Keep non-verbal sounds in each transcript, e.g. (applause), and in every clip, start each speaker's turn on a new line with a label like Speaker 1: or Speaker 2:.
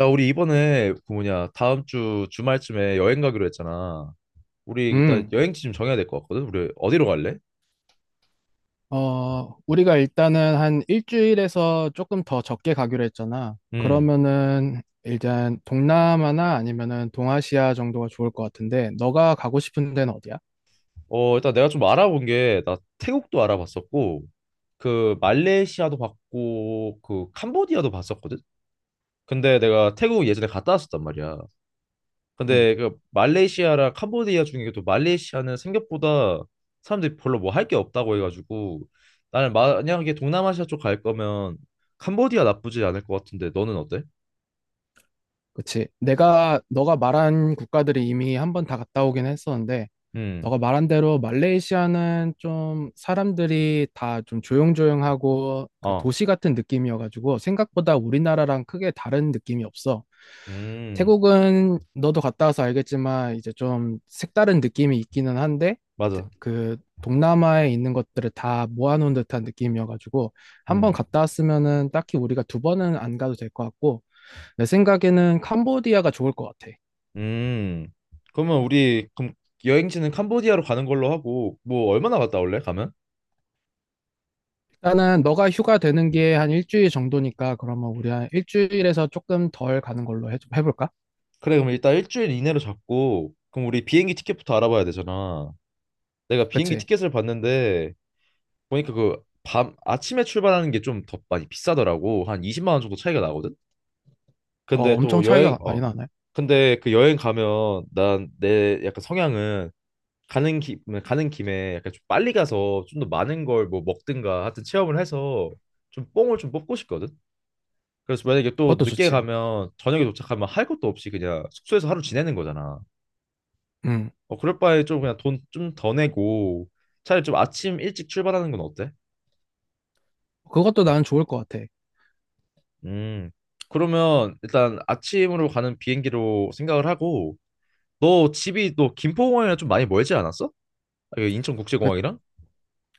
Speaker 1: 야, 우리 이번에 그 뭐냐 다음 주 주말쯤에 여행 가기로 했잖아. 우리 일단
Speaker 2: 음,
Speaker 1: 여행지 좀 정해야 될 것 같거든. 우리 어디로 갈래?
Speaker 2: 우리가 일단은 한 일주일에서 조금 더 적게 가기로 했잖아.
Speaker 1: 음.
Speaker 2: 그러면은 일단 동남아나 아니면은 동아시아 정도가 좋을 것 같은데, 너가 가고 싶은 데는 어디야?
Speaker 1: 어, 일단 내가 좀 알아본 게 나 태국도 알아봤었고 그 말레이시아도 봤고 그 캄보디아도 봤었거든. 근데 내가 태국 예전에 갔다 왔었단 말이야.
Speaker 2: 음,
Speaker 1: 근데 그 말레이시아랑 캄보디아 중에도 말레이시아는 생각보다 사람들이 별로 뭐 할 게 없다고 해가지고 나는 만약에 동남아시아 쪽 갈 거면 캄보디아 나쁘지 않을 것 같은데 너는 어때?
Speaker 2: 그치. 너가 말한 국가들이 이미 한 번 다 갔다 오긴 했었는데,
Speaker 1: 음,
Speaker 2: 너가 말한 대로 말레이시아는 좀 사람들이 다 좀 조용조용하고 그
Speaker 1: 어,
Speaker 2: 도시 같은 느낌이어가지고 생각보다 우리나라랑 크게 다른 느낌이 없어.
Speaker 1: 음,
Speaker 2: 태국은 너도 갔다 와서 알겠지만 이제 좀 색다른 느낌이 있기는 한데 태-
Speaker 1: 맞아.
Speaker 2: 그 동남아에 있는 것들을 다 모아놓은 듯한 느낌이어가지고 한번
Speaker 1: 음,
Speaker 2: 갔다 왔으면은 딱히 우리가 두 번은 안 가도 될 것 같고 내 생각에는 캄보디아가 좋을 것 같아.
Speaker 1: 음. 그러면 우리 그럼 여행지는 캄보디아로 가는 걸로 하고 뭐 얼마나 갔다 올래? 가면?
Speaker 2: 나는 너가 휴가 되는 게 한 일주일 정도니까 그러면 우리 한 일주일에서 조금 덜 가는 걸로 볼까?
Speaker 1: 그래, 그럼 일단 일주일 이내로 잡고 그럼 우리 비행기 티켓부터 알아봐야 되잖아. 내가 비행기
Speaker 2: 그치?
Speaker 1: 티켓을 봤는데 보니까 그 밤 아침에 출발하는 게 좀 더 많이 비싸더라고. 한 20만 원 정도 차이가 나거든. 근데
Speaker 2: 엄청
Speaker 1: 또 여행
Speaker 2: 차이가 많이 나네.
Speaker 1: 근데 그 여행 가면 난 내 약간 성향은 가는 김에 약간 좀 빨리 가서 좀 더 많은 걸 뭐 먹든가 하여튼 체험을 해서 좀 뽕을 좀 뽑고 싶거든. 그래서 만약에 또
Speaker 2: 그것도
Speaker 1: 늦게
Speaker 2: 좋지.
Speaker 1: 가면 저녁에 도착하면 할 것도 없이 그냥 숙소에서 하루 지내는 거잖아.
Speaker 2: 음
Speaker 1: 어 그럴 바에 좀 그냥 돈 좀 더 내고 차라리 좀 아침 일찍 출발하는 건 어때?
Speaker 2: 그것도 나는 좋을 것 같아.
Speaker 1: 음. 그러면 일단 아침으로 가는 비행기로 생각을 하고 너 집이 또 김포공항이랑 좀 많이 멀지 않았어? 아, 여기
Speaker 2: 그,
Speaker 1: 인천국제공항이랑?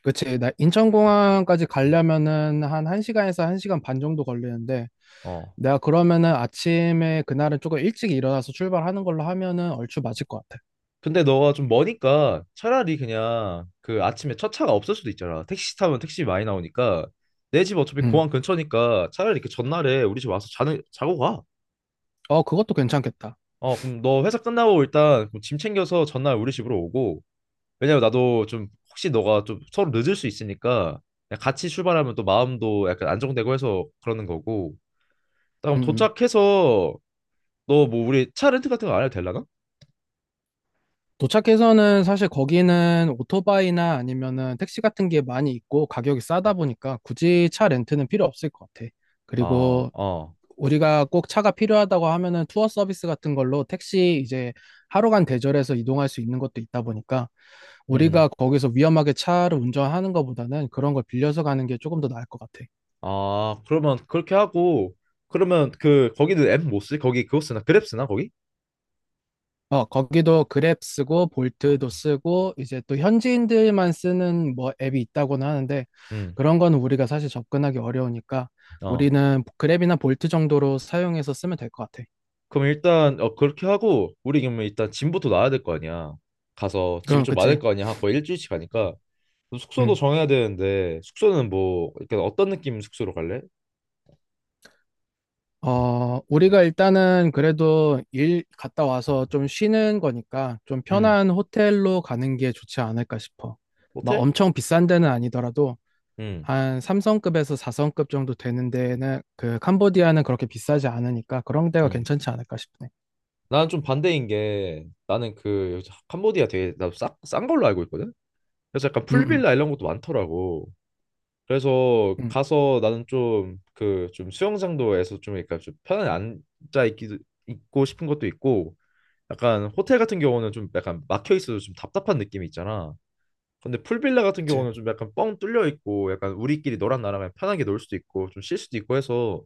Speaker 2: 그치? 나 인천공항까지 가려면은 한 1시간에서 1시간 반 정도 걸리는데
Speaker 1: 어.
Speaker 2: 내가 그러면은 아침에 그날은 조금 일찍 일어나서 출발하는 걸로 하면은 얼추 맞을 것 같아.
Speaker 1: 근데 너가 좀 머니까 차라리 그냥 그 아침에 첫 차가 없을 수도 있잖아. 택시 타면 택시 많이 나오니까 내 집 어차피
Speaker 2: 음.
Speaker 1: 공항 근처니까 차라리 그 전날에 우리 집 와서 자는 자고 가.
Speaker 2: 그것도 괜찮겠다.
Speaker 1: 어 그럼 너 회사 끝나고 일단 그짐 챙겨서 전날 우리 집으로 오고 왜냐면 나도 좀 혹시 너가 좀 서로 늦을 수 있으니까 그냥 같이 출발하면 또 마음도 약간 안정되고 해서 그러는 거고. 그럼
Speaker 2: 음. 음.
Speaker 1: 도착해서 너 뭐 우리 차 렌트 같은 거 안 해도 되려나?
Speaker 2: 도착해서는 사실 거기는 오토바이나 아니면은 택시 같은 게 많이 있고 가격이 싸다 보니까 굳이 차 렌트는 필요 없을 것 같아.
Speaker 1: 어,
Speaker 2: 그리고
Speaker 1: 어,
Speaker 2: 우리가 꼭 차가 필요하다고 하면은 투어 서비스 같은 걸로 택시 이제 하루간 대절해서 이동할 수 있는 것도 있다 보니까
Speaker 1: 음.
Speaker 2: 우리가 거기서 위험하게 차를 운전하는 것보다는 그런 걸 빌려서 가는 게 조금 더 나을 것 같아.
Speaker 1: 아, 그러면 그렇게 하고, 그러면 그, 거기는 앱 못 쓰? 거기 그거 쓰나? 그랩 쓰나, 거기?
Speaker 2: 거기도 그랩 쓰고
Speaker 1: 어,
Speaker 2: 볼트도 쓰고 이제 또 현지인들만 쓰는 뭐 앱이 있다고는 하는데
Speaker 1: 응,
Speaker 2: 그런 거는 우리가 사실 접근하기 어려우니까
Speaker 1: 어.
Speaker 2: 우리는 그랩이나 볼트 정도로 사용해서 쓰면 될 것 같아.
Speaker 1: 그럼 일단, 어, 그렇게 하고, 우리 그러면 일단 짐부터 놔야 될 거 아니야. 가서
Speaker 2: 그
Speaker 1: 짐이
Speaker 2: 럼
Speaker 1: 좀 많을
Speaker 2: 그치.
Speaker 1: 거 아니야. 한 거의 일주일씩 가니까. 그럼 숙소도
Speaker 2: 음.
Speaker 1: 정해야 되는데, 숙소는 뭐, 약간 어떤 느낌 숙소로 갈래?
Speaker 2: 우리가 일단은 그래도 일 갔다 와서 좀 쉬는 거니까 좀
Speaker 1: 음,
Speaker 2: 편한 호텔로 가는 게 좋지 않을까 싶어. 막
Speaker 1: 호텔?
Speaker 2: 엄청 비싼 데는 아니더라도
Speaker 1: 음,
Speaker 2: 한 3성급에서 4성급 정도 되는 데는 그 캄보디아는 그렇게 비싸지 않으니까 그런 데가
Speaker 1: 음.
Speaker 2: 괜찮지 않을까 싶네.
Speaker 1: 나는 좀 반대인 게, 나는 그, 캄보디아 되게, 나도 싼 걸로 알고 있거든? 그래서 약간
Speaker 2: 음, 음,
Speaker 1: 풀빌라 이런 것도 많더라고. 그래서
Speaker 2: 음,
Speaker 1: 가서 나는 좀 그 좀 수영장도에서 좀 그러니까 좀 편안히 앉아 있기도 있고 싶은 것도 있고 약간 호텔 같은 경우는 좀 약간 막혀 있어도 좀 답답한 느낌이 있잖아. 근데 풀빌라 같은
Speaker 2: 그치.
Speaker 1: 경우는 좀 약간 뻥 뚫려 있고 약간 우리끼리 너랑 나랑 그냥 편하게 놀 수도 있고 좀 쉴 수도 있고 해서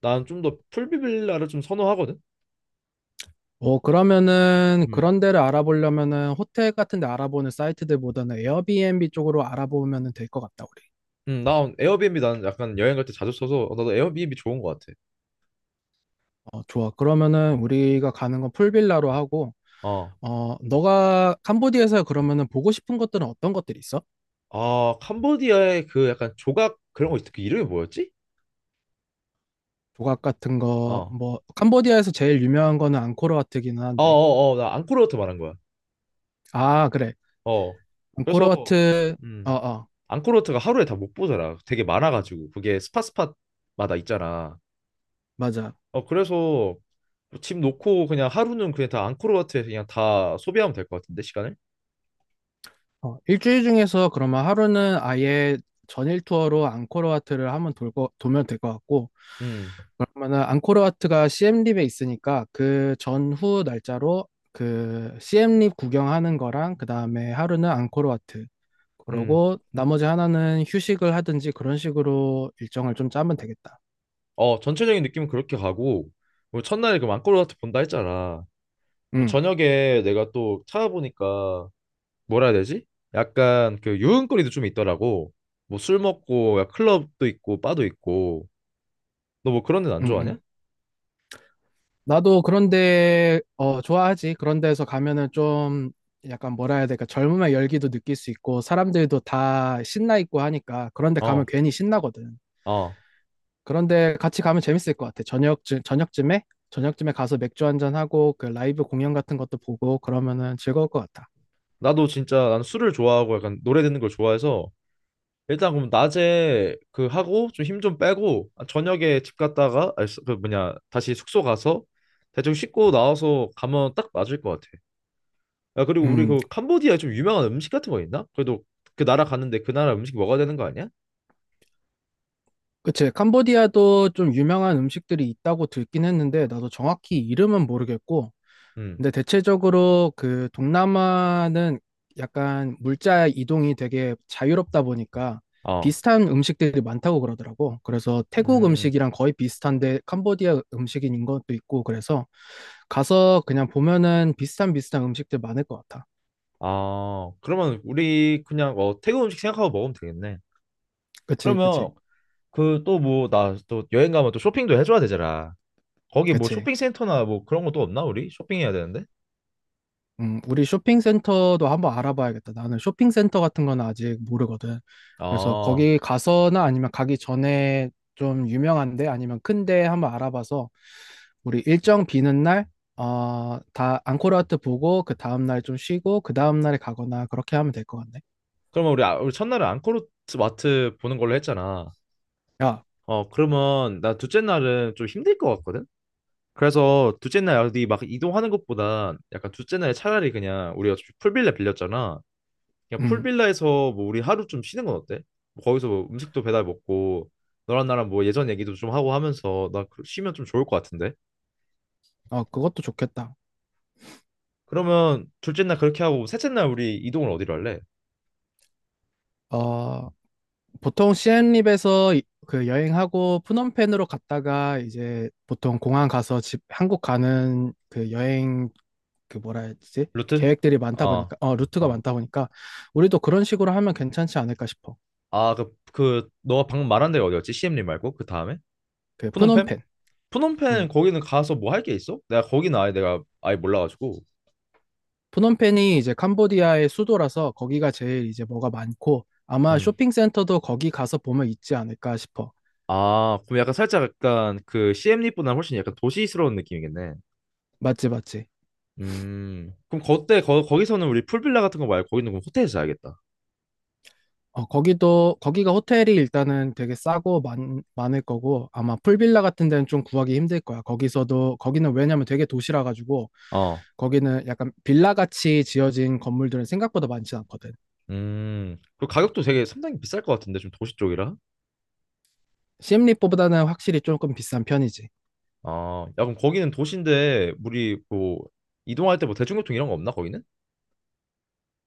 Speaker 1: 난 좀 더 풀빌라를 좀 선호하거든.
Speaker 2: 그러면은
Speaker 1: 음.
Speaker 2: 그런 데를 알아보려면은 호텔 같은 데 알아보는 사이트들보다는 에어비앤비 쪽으로 알아보면은 될 것 같다, 우리.
Speaker 1: 나 에어비앤비 나는 약간 여행 갈 때 자주 써서 어, 나도 에어비앤비 좋은 것 같아.
Speaker 2: 좋아. 그러면은 우리가 가는 건 풀빌라로 하고,
Speaker 1: 어.
Speaker 2: 너가 캄보디아에서 그러면은 보고 싶은 것들은 어떤 것들이 있어?
Speaker 1: 아, 캄보디아의 그 약간 조각 그런 거 그 이름이 뭐였지?
Speaker 2: 조각 같은 거,
Speaker 1: 어.
Speaker 2: 뭐, 캄보디아에서 제일 유명한 거는 앙코르와트긴 한데.
Speaker 1: 어어어 나 앙코르워트 말한 거야.
Speaker 2: 아, 그래.
Speaker 1: 어
Speaker 2: 앙코르
Speaker 1: 그래서
Speaker 2: 와트, 어,
Speaker 1: 음
Speaker 2: 어,
Speaker 1: 앙코르워트가 하루에 다 못 보잖아. 되게 많아가지고 그게 스팟마다 있잖아.
Speaker 2: 맞아.
Speaker 1: 어 그래서 집 놓고 그냥 하루는 그냥 다 앙코르워트에서 그냥 다 소비하면 될 것 같은데 시간을.
Speaker 2: 일주일 중에서 그러면 하루는 아예 전일 투어로 앙코르 와트를 한번 돌고, 돌면 될 것 같고,
Speaker 1: 음
Speaker 2: 그러면은 앙코르 와트가 c 엠립에 있으니까 그 전후 날짜로 그 시엠립 구경하는 거랑 그 다음에 하루는 앙코르 와트.
Speaker 1: 음.
Speaker 2: 그러고 나머지 하나는 휴식을 하든지 그런 식으로 일정을 좀 짜면 되겠다.
Speaker 1: 어 전체적인 느낌은 그렇게 가고 뭐 첫날에 그 앙코르워트 본다 했잖아. 뭐
Speaker 2: 응,
Speaker 1: 저녁에 내가 또 찾아보니까 뭐라 해야 되지? 약간 그 유흥거리도 좀 있더라고. 뭐 술 먹고 야, 클럽도 있고 바도 있고 너 뭐 그런 데는 안
Speaker 2: 응,
Speaker 1: 좋아하냐?
Speaker 2: 응. 나도 그런데 좋아하지. 그런 데서 가면은 좀 약간 뭐라 해야 될까? 젊음의 열기도 느낄 수 있고 사람들도 다 신나 있고 하니까 그런데 가면
Speaker 1: 어,
Speaker 2: 괜히 신나거든.
Speaker 1: 어.
Speaker 2: 그런데 같이 가면 재밌을 것 같아. 저녁쯤에 가서 맥주 한잔 하고 그 라이브 공연 같은 것도 보고 그러면은 즐거울 것 같아.
Speaker 1: 나도 진짜 난 술을 좋아하고 약간 노래 듣는 걸 좋아해서 일단 그럼 낮에 그 하고 좀 힘 좀 빼고 아, 저녁에 집 갔다가 아니, 수- 그 뭐냐 다시 숙소 가서 대충 씻고 나와서 가면 딱 맞을 것 같아. 야 그리고 우리
Speaker 2: 음,
Speaker 1: 그 캄보디아에 좀 유명한 음식 같은 거 있나? 그래도 그 나라 갔는데 그 나라 음식 먹어야 되는 거 아니야?
Speaker 2: 그치. 캄보디아도 좀 유명한 음식들이 있다고 듣긴 했는데, 나도 정확히 이름은 모르겠고,
Speaker 1: 음,
Speaker 2: 근데 대체적으로 그 동남아는 약간 물자 이동이 되게 자유롭다 보니까
Speaker 1: 어,
Speaker 2: 비슷한 음식들이 많다고 그러더라고. 그래서 태국
Speaker 1: 음,
Speaker 2: 음식이랑 거의 비슷한데 캄보디아 음식인 것도 있고, 그래서 가서 그냥 보면은 비슷한 음식들 많을 것 같아.
Speaker 1: 아 그러면 우리 그냥 어 태국 음식 생각하고 먹으면 되겠네.
Speaker 2: 그치, 그치,
Speaker 1: 그러면 그 또 뭐 나 또 여행 가면 또 쇼핑도 해줘야 되잖아. 거기 뭐
Speaker 2: 그치.
Speaker 1: 쇼핑센터나 뭐 그런 거 또 없나 우리? 쇼핑해야 되는데?
Speaker 2: 우리 쇼핑센터도 한번 알아봐야겠다. 나는 쇼핑센터 같은 건 아직 모르거든. 그래서
Speaker 1: 아
Speaker 2: 거기 가서나 아니면 가기 전에 좀 유명한데 아니면 큰데 한번 알아봐서 우리 일정 비는 날, 다 앙코르와트 보고 그 다음 날 좀 쉬고 그 다음 날에 가거나 그렇게 하면 될 것 같네.
Speaker 1: 그러면 우리 첫날은 앙코르 마트 보는 걸로 했잖아.
Speaker 2: 야,
Speaker 1: 어 그러면 나 둘째 날은 좀 힘들 것 같거든? 그래서 둘째 날 어디 막 이동하는 것보다 약간 둘째 날에 차라리 그냥 우리가 어차피 풀빌라 빌렸잖아. 그냥
Speaker 2: 음,
Speaker 1: 풀빌라에서 뭐 우리 하루 좀 쉬는 건 어때? 뭐 거기서 뭐 음식도 배달 먹고 너랑 나랑 뭐 예전 얘기도 좀 하고 하면서 쉬면 좀 좋을 것 같은데?
Speaker 2: 그것도 좋겠다.
Speaker 1: 그러면 둘째 날 그렇게 하고 셋째 날 우리 이동을 어디로 할래?
Speaker 2: 어, 보통 시엠립에서 여행하고 푸놈펜으로 갔다가 이제 보통 공항 가서 집 한국 가는 그 여행 그 뭐라 해야 되지?
Speaker 1: 루트?
Speaker 2: 계획들이 많다
Speaker 1: 어,
Speaker 2: 보니까 루트가
Speaker 1: 어.
Speaker 2: 많다 보니까 우리도 그런 식으로 하면 괜찮지 않을까 싶어.
Speaker 1: 아, 그, 너가 방금 말한 데가 어디였지? CM림 말고 그 다음에?
Speaker 2: 그
Speaker 1: 푸놈펜?
Speaker 2: 프놈펜.
Speaker 1: 푸놈펜
Speaker 2: 음.
Speaker 1: 거기는 가서 뭐 할 게 있어? 내가 아예 몰라가지고.
Speaker 2: 프놈펜이 이제 캄보디아의 수도라서 거기가 제일 이제 뭐가 많고 아마
Speaker 1: 음.
Speaker 2: 쇼핑센터도 거기 가서 보면 있지 않을까 싶어.
Speaker 1: 아, 그럼 약간 살짝 약간 그 CM림보다 훨씬 약간 도시스러운 느낌이겠네.
Speaker 2: 맞지, 맞지.
Speaker 1: 음. 그럼 그때 거기서는 우리 풀빌라 같은 거 말고 거기는 그럼 호텔에서 자야겠다.
Speaker 2: 거기도 거기가 호텔이 일단은 되게 싸고 많을 거고 아마 풀빌라 같은 데는 좀 구하기 힘들 거야. 거기서도 거기는 왜냐면 되게 도시라 가지고
Speaker 1: 어.
Speaker 2: 거기는 약간 빌라 같이 지어진 건물들은 생각보다 많지 않거든.
Speaker 1: 음. 그 가격도 되게 상당히 비쌀 것 같은데 좀 도시 쪽이라.
Speaker 2: 시엠리보다는 확실히 조금 비싼 편이지.
Speaker 1: 아, 야, 그럼 거기는 도시인데 우리 뭐 이동할 때 뭐 대중교통 이런 거 없나 거기는?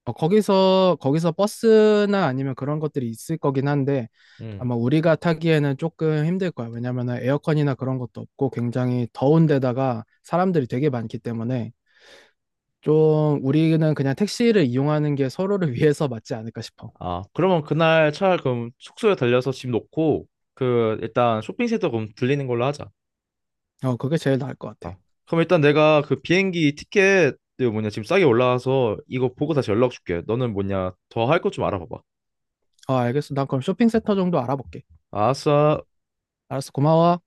Speaker 2: 거기서 버스나 아니면 그런 것들이 있을 거긴 한데
Speaker 1: 음.
Speaker 2: 아마 우리가 타기에는 조금 힘들 거야. 왜냐면은 에어컨이나 그런 것도 없고 굉장히 더운 데다가 사람들이 되게 많기 때문에 좀 우리는 그냥 택시를 이용하는 게 서로를 (laughs) 위해서 맞지 않을까 싶어.
Speaker 1: 아, 그러면 그날 차 그럼 숙소에 들려서 집 놓고 그 일단 쇼핑센터 그럼 들리는 걸로 하자.
Speaker 2: 그게 제일 나을 것 같아.
Speaker 1: 어. 그럼 일단 내가 그 비행기 티켓 그 뭐냐 지금 싸게 올라와서 이거 보고 다시 연락 줄게. 너는 뭐냐 더 할 것 좀 알아봐봐.
Speaker 2: 알겠어. 난 그럼 쇼핑센터 정도 알아볼게.
Speaker 1: 아싸.
Speaker 2: 알았어. 고마워.